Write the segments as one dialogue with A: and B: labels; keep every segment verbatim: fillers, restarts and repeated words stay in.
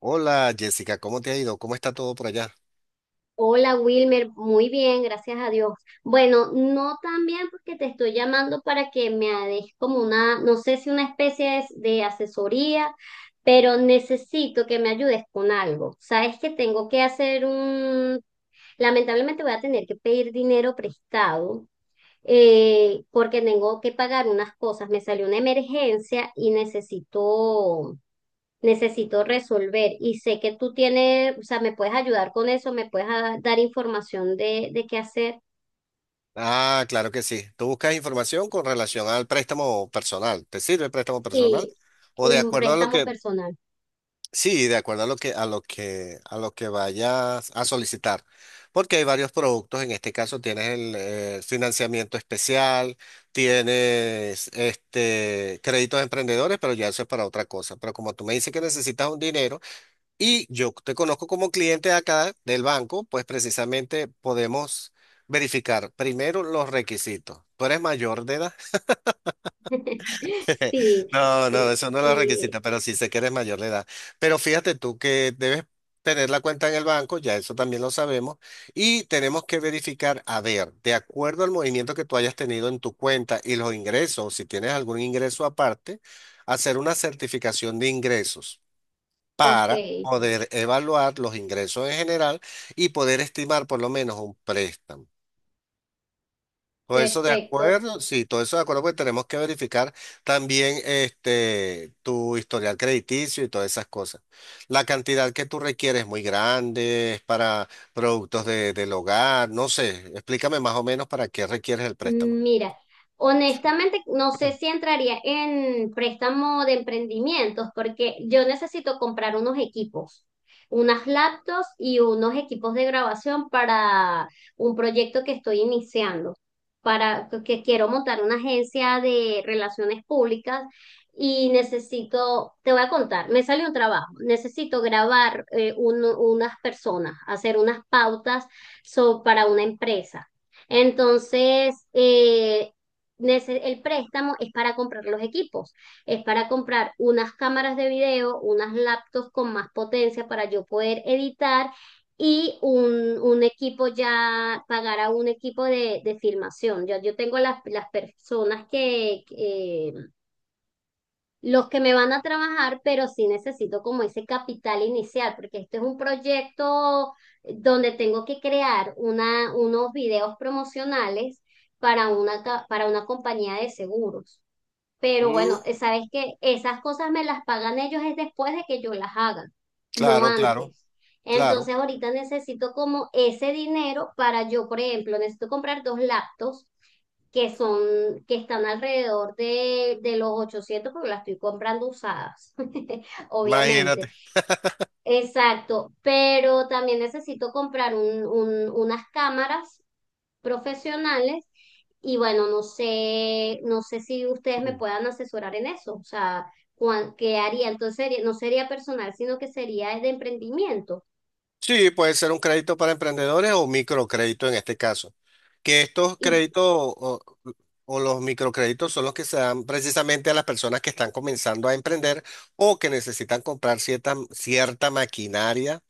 A: Hola Jessica, ¿cómo te ha ido? ¿Cómo está todo por allá?
B: Hola Wilmer, muy bien, gracias a Dios. Bueno, no tan bien porque te estoy llamando para que me des como una, no sé si una especie de, de asesoría, pero necesito que me ayudes con algo. Sabes que tengo que hacer un, lamentablemente voy a tener que pedir dinero prestado eh, porque tengo que pagar unas cosas. Me salió una emergencia y necesito necesito resolver, y sé que tú tienes, o sea, me puedes ayudar con eso, me puedes a- dar información de, de qué hacer.
A: Ah, claro que sí. Tú buscas información con relación al préstamo personal. ¿Te sirve el préstamo personal?
B: Sí,
A: O de
B: un
A: acuerdo a lo
B: préstamo
A: que,
B: personal.
A: Sí, de acuerdo a lo que, a lo que, a lo que vayas a solicitar. Porque hay varios productos. En este caso tienes el eh, financiamiento especial, tienes este créditos emprendedores, pero ya eso es para otra cosa. Pero como tú me dices que necesitas un dinero, y yo te conozco como cliente acá del banco, pues precisamente podemos verificar primero los requisitos. ¿Tú eres mayor de edad?
B: Sí,
A: No, no,
B: sí,
A: eso no es los
B: sí.
A: requisitos, pero sí sé que eres mayor de edad. Pero fíjate tú que debes tener la cuenta en el banco, ya eso también lo sabemos, y tenemos que verificar, a ver, de acuerdo al movimiento que tú hayas tenido en tu cuenta y los ingresos, si tienes algún ingreso aparte, hacer una certificación de ingresos
B: Ok,
A: para poder evaluar los ingresos en general y poder estimar por lo menos un préstamo. Todo eso de
B: perfecto.
A: acuerdo, sí, todo eso de acuerdo, porque tenemos que verificar también este, tu historial crediticio y todas esas cosas. La cantidad que tú requieres es muy grande, es para productos de, del hogar, no sé, explícame más o menos para qué requieres el préstamo.
B: Mira, honestamente no sé
A: Ah.
B: si entraría en préstamo de emprendimientos porque yo necesito comprar unos equipos, unas laptops y unos equipos de grabación para un proyecto que estoy iniciando, para que quiero montar una agencia de relaciones públicas y necesito, te voy a contar, me salió un trabajo, necesito grabar eh, un- unas personas, hacer unas pautas so- para una empresa. Entonces, eh, nece- el préstamo es para comprar los equipos, es para comprar unas cámaras de video, unas laptops con más potencia para yo poder editar y un, un equipo ya, pagar a un equipo de, de filmación. Ya yo tengo las, las personas que, los que me van a trabajar, pero sí necesito como ese capital inicial, porque este es un proyecto donde tengo que crear una, unos videos promocionales para una, ca- para una compañía de seguros. Pero
A: Mm,
B: bueno, eh, sabes que esas cosas me las pagan ellos es después de que yo las haga, no
A: claro, claro,
B: antes.
A: claro,
B: Entonces ahorita necesito como ese dinero para yo, por ejemplo, necesito comprar dos laptops que son, que están alrededor de, de los ochocientos porque las estoy comprando usadas, obviamente.
A: imagínate.
B: Exacto, pero también necesito comprar un- un- unas cámaras profesionales y bueno, no sé, no sé si ustedes me puedan asesorar en eso, o sea, cuán- qué haría, entonces sería- no sería personal, sino que sería de emprendimiento.
A: Sí, puede ser un crédito para emprendedores o microcrédito en este caso. Que estos
B: ¿Y
A: créditos o, o los microcréditos son los que se dan precisamente a las personas que están comenzando a emprender o que necesitan comprar cierta, cierta maquinaria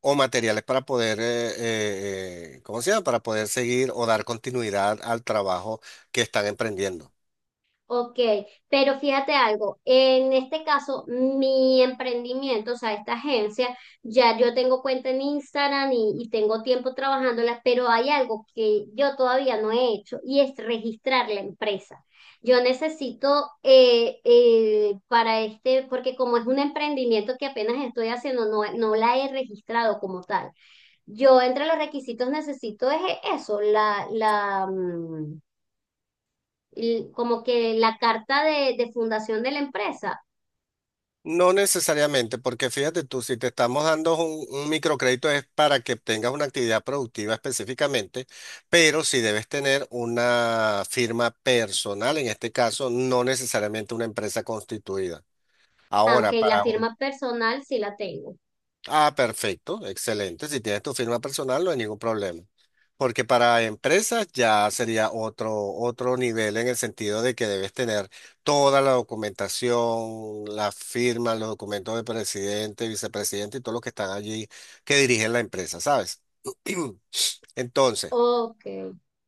A: o materiales para poder, eh, eh, eh, ¿cómo se llama? Para poder seguir o dar continuidad al trabajo que están emprendiendo.
B: Ok, pero fíjate algo, en este caso, mi emprendimiento, o sea, esta agencia, ya yo tengo cuenta en Instagram y, y tengo tiempo trabajándola, pero hay algo que yo todavía no he hecho y es registrar la empresa. Yo necesito eh, eh, para este, porque como es un emprendimiento que apenas estoy haciendo, no, no la he registrado como tal. Yo entre los requisitos necesito es eso, la, la, mm, l- como que la carta de, de fundación de la empresa.
A: No necesariamente, porque fíjate tú, si te estamos dando un, un microcrédito es para que tengas una actividad productiva específicamente, pero si debes tener una firma personal, en este caso, no necesariamente una empresa constituida.
B: Ah, ok,
A: Ahora.
B: la
A: Para un
B: firma personal sí la tengo.
A: Ah, perfecto, excelente. Si tienes tu firma personal, no hay ningún problema. Porque para empresas ya sería otro, otro nivel en el sentido de que debes tener toda la documentación, la firma, los documentos de presidente, vicepresidente y todos los que están allí que dirigen la empresa, ¿sabes? Entonces,
B: Ok,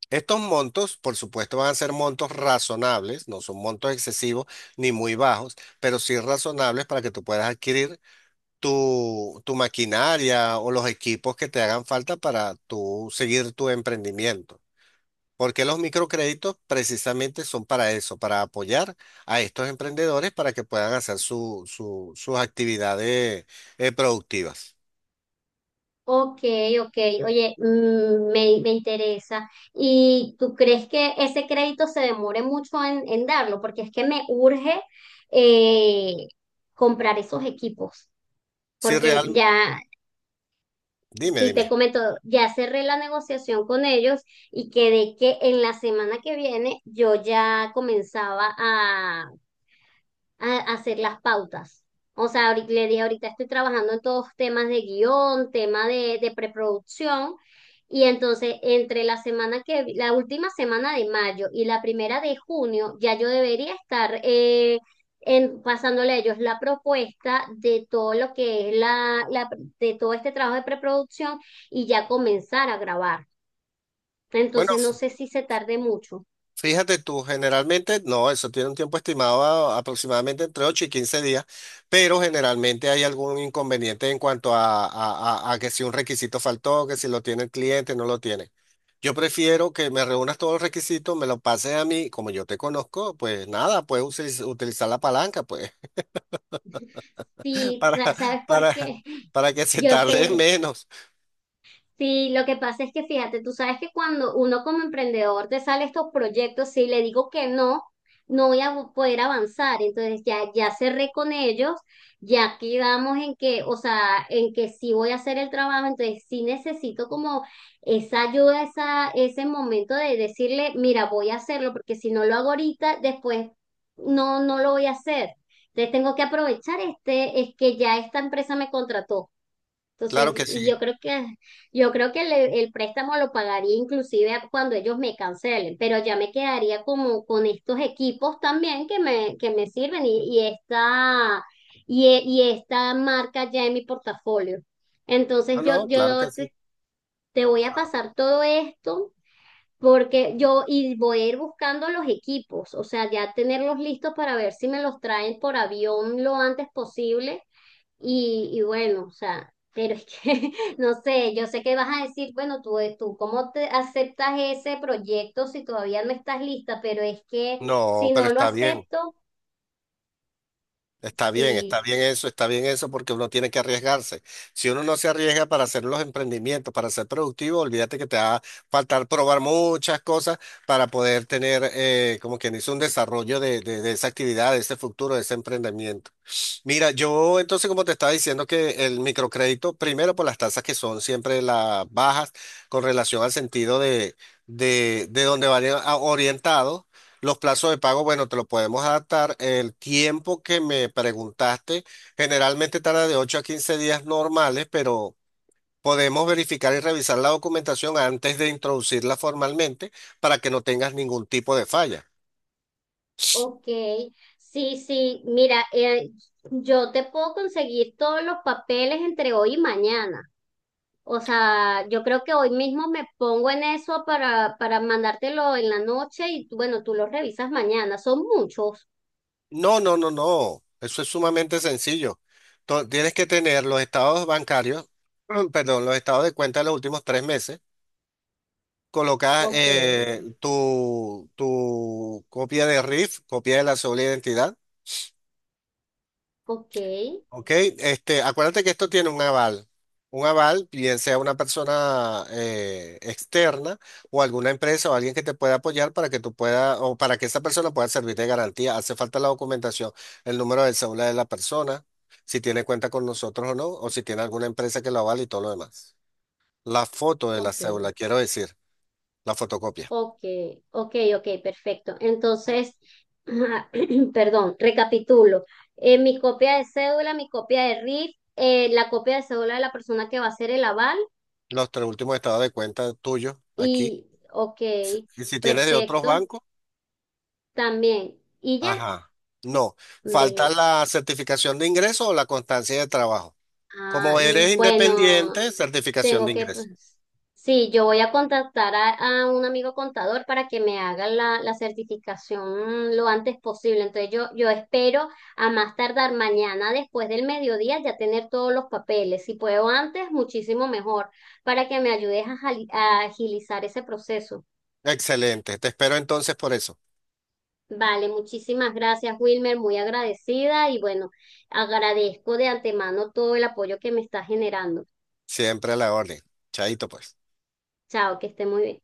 A: estos montos, por supuesto, van a ser montos razonables, no son montos excesivos ni muy bajos, pero sí razonables para que tú puedas adquirir tu, tu maquinaria o los equipos que te hagan falta para tú seguir tu emprendimiento. Porque los microcréditos precisamente son para eso, para apoyar a estos emprendedores para que puedan hacer su- su- sus actividades eh, productivas.
B: ok, ok. Oye, mm, me, me interesa. ¿Y tú crees que ese crédito se demore mucho en, en darlo? Porque es que me urge eh, comprar esos equipos,
A: Si
B: porque
A: real,
B: ya...
A: dime,
B: Si te
A: dime.
B: comento, ya cerré la negociación con ellos y quedé que en la semana que viene yo ya comenzaba a, a hacer las pautas. O sea, ahorita, le dije, ahorita estoy trabajando en todos temas de guión, tema de, de preproducción, y entonces entre la semana que, la última semana de mayo y la primera de junio, ya yo debería estar eh, en, pasándole a ellos la propuesta de todo lo que es la, la, de todo este trabajo de preproducción y ya comenzar a grabar.
A: Bueno,
B: Entonces no sé si se tarde mucho.
A: fíjate tú, generalmente, no, eso tiene un tiempo estimado a- aproximadamente entre ocho y quince días, pero generalmente hay algún inconveniente en cuanto a, a- a- a que si un requisito faltó, que si lo tiene el cliente, no lo tiene. Yo prefiero que me reúnas todos los requisitos, me lo pases a mí, como yo te conozco, pues nada, puedes utiliz- utilizar la palanca, pues,
B: Sí,
A: para,
B: sa- ¿sabes por
A: para,
B: qué?
A: para que se
B: Yo
A: tarde
B: sé.
A: menos.
B: Sí, lo que pasa es que fíjate, tú sabes que cuando uno como emprendedor te sale estos proyectos, si le digo que no, no voy a poder avanzar. Entonces ya, ya cerré con ellos, ya quedamos en que, o sea, en que sí voy a hacer el trabajo, entonces sí necesito como esa ayuda, esa, ese momento de decirle, mira, voy a hacerlo, porque si no lo hago ahorita, después no, no lo voy a hacer. Entonces tengo que aprovechar este, es que ya esta empresa me contrató.
A: Claro
B: Entonces,
A: que sí.
B: y yo creo que, yo creo que el el, préstamo lo pagaría inclusive cuando ellos me cancelen, pero ya me quedaría como con estos equipos también que me, que me sirven y, y esta, y, e- y esta marca ya en mi portafolio. Entonces,
A: No,
B: yo,
A: no, claro que
B: yo te,
A: sí.
B: te voy a pasar todo esto porque yo, y voy a ir buscando los equipos, o sea, ya tenerlos listos para ver si me los traen por avión lo antes posible y, y bueno, o sea, pero es que, no sé, yo sé que vas a decir, bueno, tú, eh, tú, ¿cómo te aceptas ese proyecto si todavía no estás lista? Pero es que si
A: No, pero
B: no lo
A: está bien.
B: acepto,
A: Está bien, está bien
B: sí,
A: eso, está bien eso, porque uno tiene que arriesgarse. Si uno no se arriesga para hacer los emprendimientos, para ser productivo, olvídate que te va a faltar probar muchas cosas para poder tener, eh, como quien dice, un desarrollo de, de, de esa actividad, de ese futuro, de ese emprendimiento. Mira, yo entonces como te estaba diciendo que el microcrédito, primero por las tasas que son siempre las bajas con relación al sentido de, de, de donde van a- orientados, los plazos de pago, bueno, te lo podemos adaptar. El tiempo que me preguntaste generalmente tarda de ocho a quince días normales, pero podemos verificar y revisar la documentación antes de introducirla formalmente para que no tengas ningún tipo de falla.
B: ok, sí, sí, mira, eh, yo te puedo conseguir todos los papeles entre hoy y mañana. O sea, yo creo que hoy mismo me pongo en eso para, para mandártelo en la noche y tú, bueno, tú los revisas mañana. Son muchos.
A: No, no, no, no. Eso es sumamente sencillo. To- tienes que tener los estados bancarios, perdón, los estados de cuenta de los últimos tres meses. Colocas
B: Ok,
A: eh, tu, tu copia de RIF, copia de la sola identidad.
B: ok.
A: Ok, este, acuérdate que esto tiene un aval. Un aval, bien sea una persona eh, externa o alguna empresa o alguien que te pueda apoyar para que tú puedas o para que esa persona pueda servir de garantía. Hace falta la documentación, el número del cédula de la persona, si tiene cuenta con nosotros o no, o si tiene alguna empresa que lo avale y todo lo demás. La foto de la
B: Ok,
A: cédula, quiero decir, la fotocopia.
B: ok, ok, ok, perfecto. Entonces, perdón, recapitulo. Eh, mi copia de cédula, mi copia de R I F, eh, la copia de cédula de la persona que va a hacer el aval
A: Los tres últimos estados de cuenta tuyos aquí.
B: y, ok,
A: Y si tienes de otros
B: perfecto,
A: bancos.
B: también. Y ya,
A: Ajá. No, falta
B: ve,
A: la certificación de ingreso o la constancia de trabajo.
B: Ah,
A: Como
B: mm,
A: eres
B: bueno,
A: independiente, certificación
B: tengo
A: de
B: que,
A: ingreso.
B: pues, sí, yo voy a contactar a, a un amigo contador para que me haga la, la certificación lo antes posible. Entonces yo, yo espero a más tardar mañana después del mediodía ya tener todos los papeles. Si puedo antes, muchísimo mejor, para que me ayudes a, jali- a agilizar ese proceso.
A: Excelente. Te espero entonces por eso.
B: Vale, muchísimas gracias, Wilmer, muy agradecida y bueno, agradezco de antemano todo el apoyo que me está generando.
A: Siempre a la orden. Chaito, pues.
B: Chao, que esté muy bien.